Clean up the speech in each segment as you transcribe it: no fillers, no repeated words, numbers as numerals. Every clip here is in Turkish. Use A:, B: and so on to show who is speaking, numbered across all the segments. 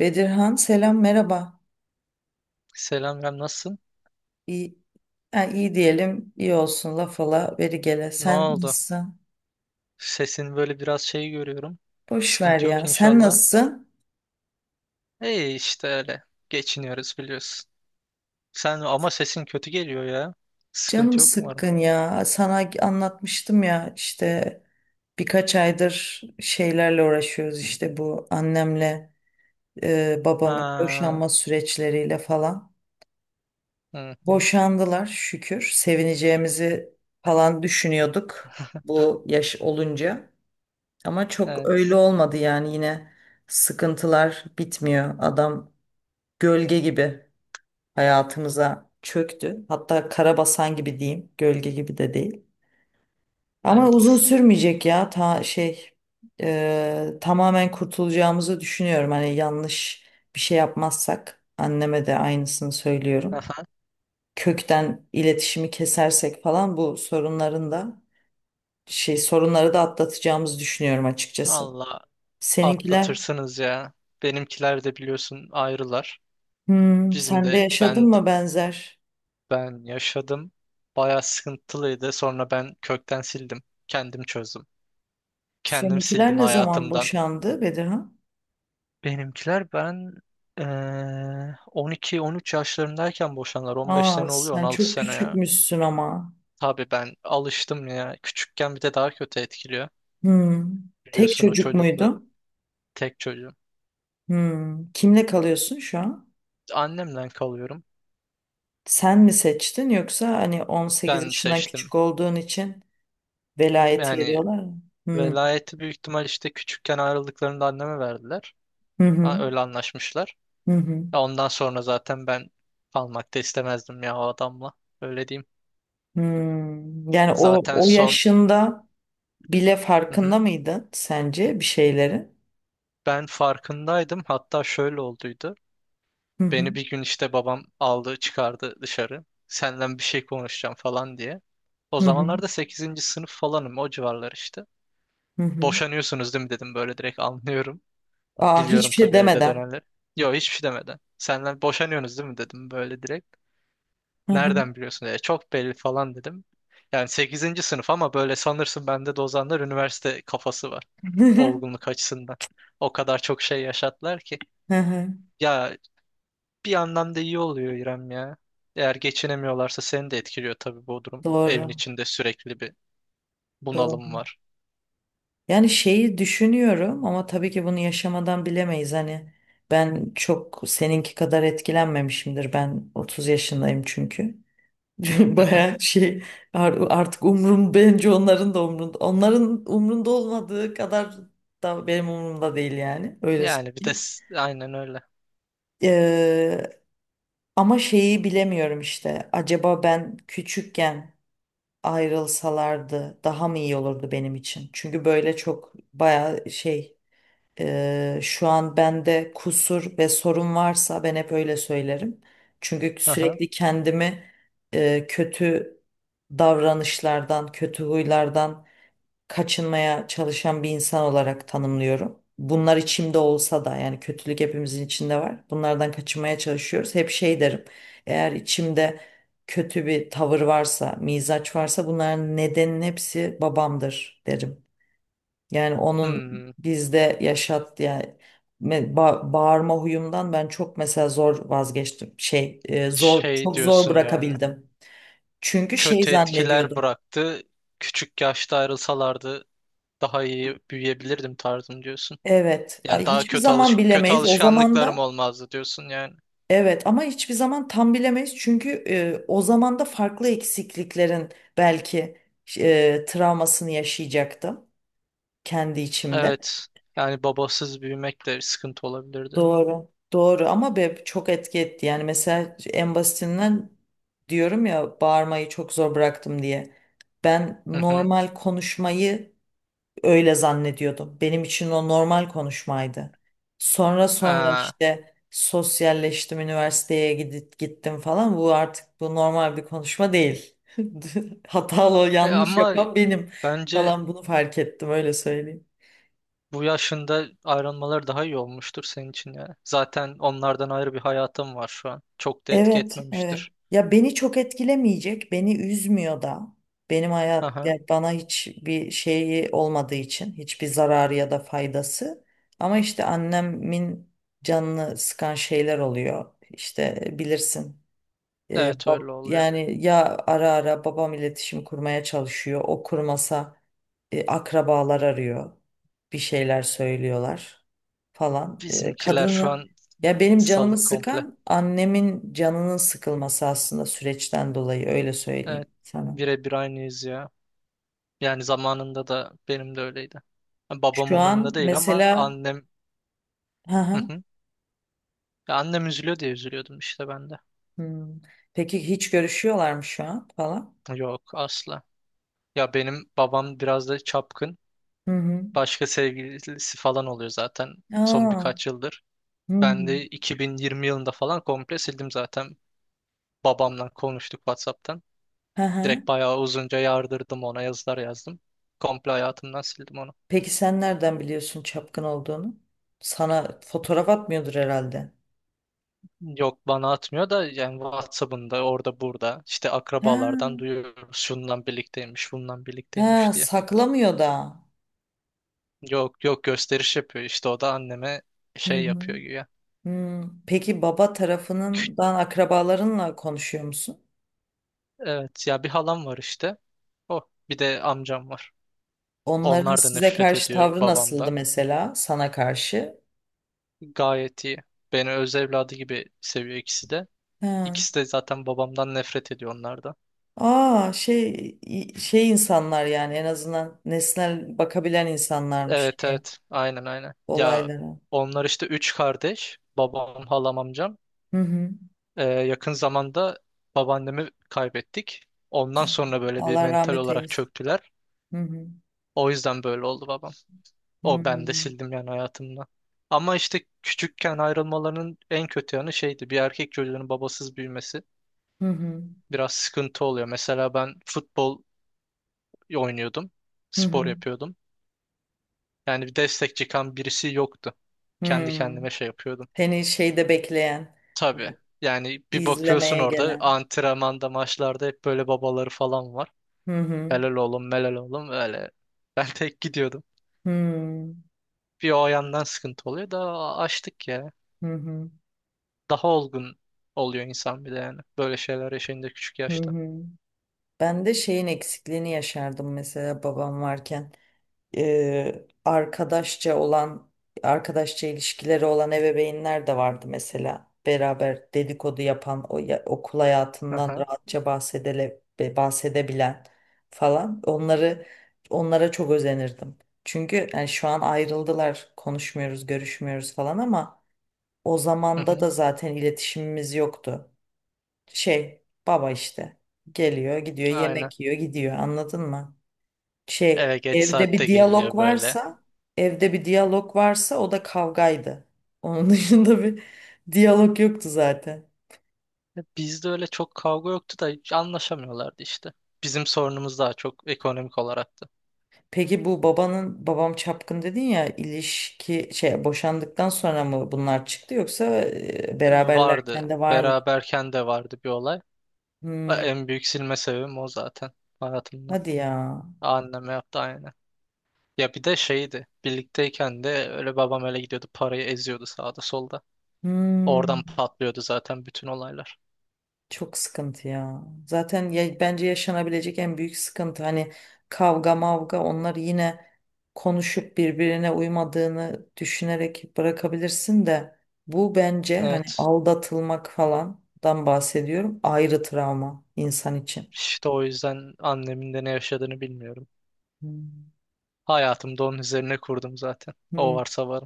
A: Bedirhan selam merhaba.
B: Selam Rem, nasılsın?
A: İyi, ha, iyi diyelim iyi olsun laf ala veri gele.
B: Ne
A: Sen
B: oldu?
A: nasılsın?
B: Sesin böyle biraz şey görüyorum.
A: Boş ver
B: Sıkıntı yok
A: ya. Sen
B: inşallah.
A: nasılsın?
B: İyi işte öyle. Geçiniyoruz biliyorsun. Sen ama sesin kötü geliyor ya.
A: Canım
B: Sıkıntı yok umarım.
A: sıkkın ya. Sana anlatmıştım ya işte birkaç aydır şeylerle uğraşıyoruz işte bu annemle babamın
B: Ha,
A: boşanma süreçleriyle falan.
B: hı hı.
A: Boşandılar şükür. Sevineceğimizi falan düşünüyorduk bu yaş olunca. Ama çok öyle
B: Evet,
A: olmadı yani yine sıkıntılar bitmiyor. Adam gölge gibi hayatımıza çöktü. Hatta karabasan gibi diyeyim. Gölge gibi de değil. Ama uzun
B: evet.
A: sürmeyecek ya ta şey tamamen kurtulacağımızı düşünüyorum. Hani yanlış bir şey yapmazsak anneme de aynısını söylüyorum.
B: Aha.
A: Kökten iletişimi kesersek falan bu sorunların da şey sorunları da atlatacağımızı düşünüyorum açıkçası.
B: Allah
A: Seninkiler
B: atlatırsınız ya. Benimkiler de biliyorsun ayrılar.
A: Hmm,
B: Bizim
A: sen de
B: de
A: yaşadın
B: ben
A: mı benzer?
B: ben yaşadım. Bayağı sıkıntılıydı. Sonra ben kökten sildim. Kendim çözdüm. Kendim
A: Seninkiler
B: sildim
A: ne zaman
B: hayatımdan.
A: boşandı Bedirhan?
B: Benimkiler ben eee 12-13 yaşlarındayken boşanlar. 15
A: Aa,
B: sene oluyor
A: sen
B: 16
A: çok
B: sene ya.
A: küçükmüşsün ama.
B: Tabii ben alıştım ya. Küçükken bir de daha kötü etkiliyor.
A: Hmm. Tek
B: Biliyorsun o
A: çocuk
B: çocuklu
A: muydu?
B: tek çocuğum.
A: Hmm. Kimle kalıyorsun şu an?
B: Annemden kalıyorum.
A: Sen mi seçtin yoksa hani 18
B: Ben
A: yaşından
B: seçtim.
A: küçük olduğun için velayet
B: Yani
A: veriyorlar mı? Hmm.
B: velayeti büyük ihtimal işte küçükken ayrıldıklarında anneme verdiler.
A: Hı hı.
B: Ha, öyle anlaşmışlar.
A: Hı hı.
B: Ya ondan sonra zaten ben kalmak da istemezdim ya o adamla. Öyle diyeyim.
A: Hmm. Yani o
B: Zaten
A: o
B: son...
A: yaşında bile
B: Hı hı.
A: farkında mıydın sence bir şeylerin?
B: Ben farkındaydım. Hatta şöyle olduydu.
A: Hı hı.
B: Beni bir gün işte babam aldı çıkardı dışarı. Senden bir şey konuşacağım falan diye. O
A: Hı hı.
B: zamanlarda sekizinci sınıf falanım, o civarlar işte.
A: Hı hı.
B: Boşanıyorsunuz değil mi dedim, böyle direkt anlıyorum.
A: Aa,
B: Biliyorum
A: hiçbir şey
B: tabii evde
A: demeden.
B: dönenleri. Yok, hiçbir şey demeden. Senden boşanıyorsunuz değil mi dedim böyle direkt.
A: Hı hı.
B: Nereden biliyorsun dedi. Çok belli falan dedim. Yani sekizinci sınıf ama böyle sanırsın, bende de o zamanlar üniversite kafası var. Olgunluk açısından. O kadar çok şey yaşattılar ki.
A: Hı hı.
B: Ya bir yandan da iyi oluyor İrem ya. Eğer geçinemiyorlarsa seni de etkiliyor tabii bu durum. Evin
A: Doğru.
B: içinde sürekli bir bunalım
A: Doğru.
B: var.
A: Yani şeyi düşünüyorum ama tabii ki bunu yaşamadan bilemeyiz. Hani ben çok seninki kadar etkilenmemişimdir. Ben 30 yaşındayım çünkü.
B: Hı hı.
A: Baya şey artık umrum bence onların da umrunda. Onların umrunda olmadığı kadar da benim umurumda değil yani. Öyle söyleyeyim.
B: Aynen öyle.
A: Ee, ama şeyi bilemiyorum işte. Acaba ben küçükken ayrılsalardı daha mı iyi olurdu benim için? Çünkü böyle çok baya şey şu an bende kusur ve sorun varsa ben hep öyle söylerim. Çünkü
B: Hı hı.
A: sürekli kendimi kötü davranışlardan, kötü huylardan kaçınmaya çalışan bir insan olarak tanımlıyorum. Bunlar içimde olsa da yani kötülük hepimizin içinde var. Bunlardan kaçınmaya çalışıyoruz. Hep şey derim. Eğer içimde kötü bir tavır varsa, mizaç varsa bunların nedenin hepsi babamdır derim. Yani onun
B: Hmm.
A: bizde yani bağırma huyumdan ben çok mesela zor vazgeçtim. Zor
B: Şey
A: çok zor
B: diyorsun yani.
A: bırakabildim. Çünkü şey
B: Kötü etkiler
A: zannediyordum.
B: bıraktı. Küçük yaşta ayrılsalardı daha iyi büyüyebilirdim tarzım diyorsun.
A: Evet,
B: Yani
A: ay
B: daha
A: hiçbir zaman
B: kötü
A: bilemeyiz. O zaman
B: alışkanlıklarım
A: da.
B: olmazdı diyorsun yani.
A: Evet, ama hiçbir zaman tam bilemeyiz çünkü o zaman da farklı eksikliklerin belki travmasını yaşayacaktım kendi içimde.
B: Evet. Yani babasız büyümek de sıkıntı olabilirdi.
A: Doğru. Doğru ama be, çok etki etti. Yani mesela en basitinden diyorum ya bağırmayı çok zor bıraktım diye. Ben
B: Hı hı.
A: normal konuşmayı öyle zannediyordum. Benim için o normal konuşmaydı. Sonra sonra
B: Aa,
A: işte sosyalleştim, üniversiteye gidip gittim falan. Bu artık bu normal bir konuşma değil. Hatalı,
B: e
A: yanlış
B: ama
A: yapan benim
B: bence
A: falan bunu fark ettim öyle söyleyeyim.
B: bu yaşında ayrılmaları daha iyi olmuştur senin için yani. Zaten onlardan ayrı bir hayatım var şu an. Çok da etki
A: Evet, evet.
B: etmemiştir.
A: Ya beni çok etkilemeyecek, beni üzmüyor da.
B: Aha.
A: Yani bana hiçbir şeyi olmadığı için, hiçbir zararı ya da faydası. Ama işte annemin canını sıkan şeyler oluyor. İşte bilirsin. Ee,
B: Evet, öyle
A: bab-
B: oluyor.
A: yani ya ara ara babam iletişim kurmaya çalışıyor. O kurmasa akrabalar arıyor. Bir şeyler söylüyorlar falan.
B: Bizimkiler şu
A: Kadını
B: an
A: ya benim canımı
B: salık komple.
A: sıkan annemin canının sıkılması aslında süreçten dolayı öyle söyleyeyim
B: Evet.
A: sana.
B: Birebir aynıyız ya. Yani zamanında da benim de öyleydi. Babam
A: Şu
B: umurumda
A: an
B: değil ama
A: mesela
B: annem...
A: hı
B: Hı
A: hı,
B: hı. Ya annem üzülüyor diye üzülüyordum işte ben de.
A: hmm. Peki hiç görüşüyorlar mı şu an falan?
B: Yok, asla. Ya benim babam biraz da çapkın.
A: Hı hı.
B: Başka sevgilisi falan oluyor zaten son
A: Aa,
B: birkaç yıldır.
A: hı
B: Ben
A: hı.
B: de 2020 yılında falan komple sildim zaten. Babamla konuştuk WhatsApp'tan.
A: Hı hı.
B: Direkt bayağı uzunca yardırdım, ona yazılar yazdım. Komple hayatımdan sildim onu.
A: Peki sen nereden biliyorsun çapkın olduğunu? Sana fotoğraf atmıyordur herhalde.
B: Yok bana atmıyor da, yani WhatsApp'ında orada burada işte akrabalardan
A: Ha,
B: duyuyoruz, şundan birlikteymiş bundan
A: ha,
B: birlikteymiş diye.
A: saklamıyor da.
B: Yok yok, gösteriş yapıyor işte o da anneme
A: Hı
B: şey
A: hı.
B: yapıyor güya.
A: Hmm, peki baba
B: Kü-
A: tarafından akrabalarınla konuşuyor musun?
B: evet ya, bir halam var işte. O bir de amcam var.
A: Onların
B: Onlar da
A: size
B: nefret
A: karşı
B: ediyor
A: tavrı nasıldı
B: babamdan.
A: mesela sana karşı?
B: Gayet iyi. Beni öz evladı gibi seviyor ikisi de.
A: Ha.
B: İkisi de zaten babamdan nefret ediyor, onlar da.
A: Aa şey insanlar yani en azından nesnel bakabilen insanlarmış
B: Evet
A: şeye,
B: evet, aynen aynen. Ya
A: olaylara.
B: onlar işte üç kardeş. Babam, halam, amcam.
A: Hı hı.
B: Yakın zamanda babaannemi kaybettik. Ondan sonra böyle bir
A: Allah
B: mental
A: rahmet
B: olarak
A: eylesin.
B: çöktüler.
A: Hı hı.
B: O yüzden böyle oldu babam.
A: Hı
B: O
A: hı.
B: ben de sildim yani hayatımdan. Ama işte küçükken ayrılmalarının en kötü yanı şeydi. Bir erkek çocuğunun babasız büyümesi
A: Hı hı.
B: biraz sıkıntı oluyor. Mesela ben futbol oynuyordum.
A: Hı
B: Spor
A: hı.
B: yapıyordum. Yani bir destek çıkan birisi yoktu. Kendi
A: Hmm.
B: kendime şey yapıyordum.
A: Seni şeyde bekleyen,
B: Tabii. Yani bir bakıyorsun,
A: izlemeye
B: orada
A: gelen.
B: antrenmanda maçlarda hep böyle babaları falan var.
A: Hı hı.
B: Helal oğlum, melal oğlum, öyle. Ben tek gidiyordum.
A: Hmm.
B: Bir o yandan sıkıntı oluyor da, açtık ya.
A: Hı hı.
B: Daha olgun oluyor insan bir de yani. Böyle şeyler yaşayınca küçük
A: Hı
B: yaşta.
A: hı. Ben de şeyin eksikliğini yaşardım mesela babam varken. e, arkadaşça olan arkadaşça ilişkileri olan ebeveynler de vardı mesela. Beraber dedikodu yapan o okul hayatından
B: Aha.
A: rahatça bahsedebilen falan. Onlara çok özenirdim. Çünkü yani şu an ayrıldılar, konuşmuyoruz, görüşmüyoruz falan ama o
B: Hı
A: zamanda
B: hı.
A: da zaten iletişimimiz yoktu. Şey, baba işte geliyor, gidiyor,
B: Aynen.
A: yemek yiyor, gidiyor. Anladın mı? Şey,
B: Evet, geç
A: evde
B: saatte
A: bir diyalog
B: geliyor böyle.
A: varsa, evde bir diyalog varsa o da kavgaydı. Onun dışında bir diyalog yoktu zaten.
B: Ya bizde öyle çok kavga yoktu da hiç anlaşamıyorlardı işte. Bizim sorunumuz daha çok ekonomik olaraktı.
A: Peki bu babanın babam çapkın dedin ya ilişki şey boşandıktan sonra mı bunlar çıktı yoksa beraberlerken
B: Vardı.
A: de var mı?
B: Beraberken de vardı bir olay.
A: Hmm,
B: En büyük silme sebebim o zaten hayatımda.
A: hadi ya.
B: Anneme yaptı aynı. Ya bir de şeydi. Birlikteyken de öyle, babam öyle gidiyordu, parayı eziyordu sağda solda.
A: Hmm.
B: Oradan patlıyordu zaten bütün olaylar.
A: Çok sıkıntı ya. Zaten ya, bence yaşanabilecek en büyük sıkıntı hani kavga mavga onlar yine konuşup birbirine uymadığını düşünerek bırakabilirsin de bu bence hani
B: Evet.
A: aldatılmak falandan bahsediyorum ayrı travma insan için.
B: İşte o yüzden annemin de ne yaşadığını bilmiyorum.
A: Hmm.
B: Hayatımda onun üzerine kurdum zaten. O
A: Hmm.
B: varsa var.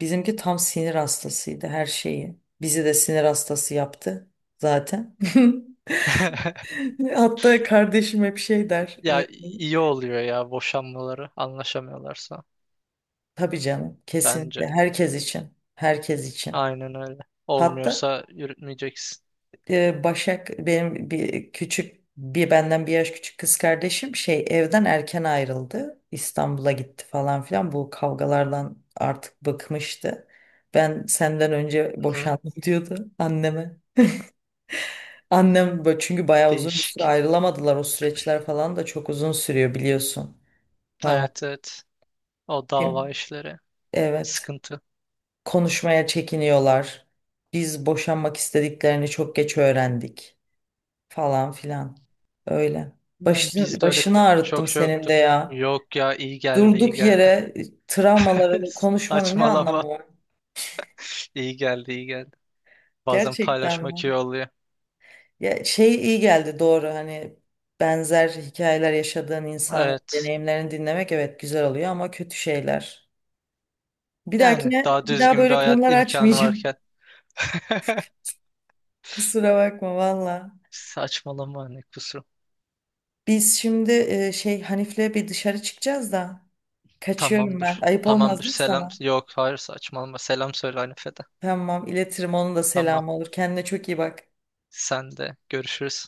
A: Bizimki tam sinir hastasıydı her şeyi. Bizi de sinir hastası yaptı zaten. Hatta kardeşim hep şey der.
B: Ya iyi oluyor ya, boşanmaları anlaşamıyorlarsa
A: Tabii canım,
B: bence.
A: kesinlikle herkes için, herkes için.
B: Aynen öyle.
A: Hatta
B: Olmuyorsa yürütmeyeceksin.
A: Başak benim bir benden bir yaş küçük kız kardeşim şey evden erken ayrıldı. İstanbul'a gitti falan filan. Bu kavgalardan artık bıkmıştı. Ben senden önce
B: Hı hı.
A: boşandım diyordu anneme. Annem böyle çünkü bayağı uzun bir süre
B: Değişik.
A: ayrılamadılar. O süreçler falan da çok uzun sürüyor biliyorsun falan.
B: Evet, evet. O
A: Kim?
B: dava işleri
A: Evet.
B: sıkıntı.
A: Konuşmaya çekiniyorlar. Biz boşanmak istediklerini çok geç öğrendik falan filan. Öyle.
B: Yani
A: Başını,
B: bizde öyle
A: başını ağrıttım
B: çok şey
A: senin de
B: yoktu.
A: ya.
B: Yok ya, iyi geldi, iyi
A: Durduk
B: geldi.
A: yere travmaları konuşmanın ne
B: Saçmalama.
A: anlamı var?
B: İyi geldi, iyi geldi. Bazen
A: Gerçekten
B: paylaşmak
A: mi?
B: iyi oluyor.
A: Ya şey iyi geldi doğru hani benzer hikayeler yaşadığın insanın
B: Evet.
A: deneyimlerini dinlemek evet güzel oluyor ama kötü şeyler. Bir
B: Yani
A: dahakine
B: daha
A: bir daha
B: düzgün bir
A: böyle
B: hayat
A: konular
B: imkanı
A: açmayacağım.
B: varken.
A: Kusura bakma valla.
B: Saçmalama, ne kusur.
A: Biz şimdi Hanif'le bir dışarı çıkacağız da kaçıyorum ben.
B: Tamamdır.
A: Ayıp olmaz
B: Tamamdır.
A: değil mi
B: Selam.
A: sana?
B: Yok hayır, saçmalama. Selam söyle Hanife'de.
A: Tamam iletirim onun da
B: Tamam.
A: selamı olur. Kendine çok iyi bak.
B: Sen de, görüşürüz.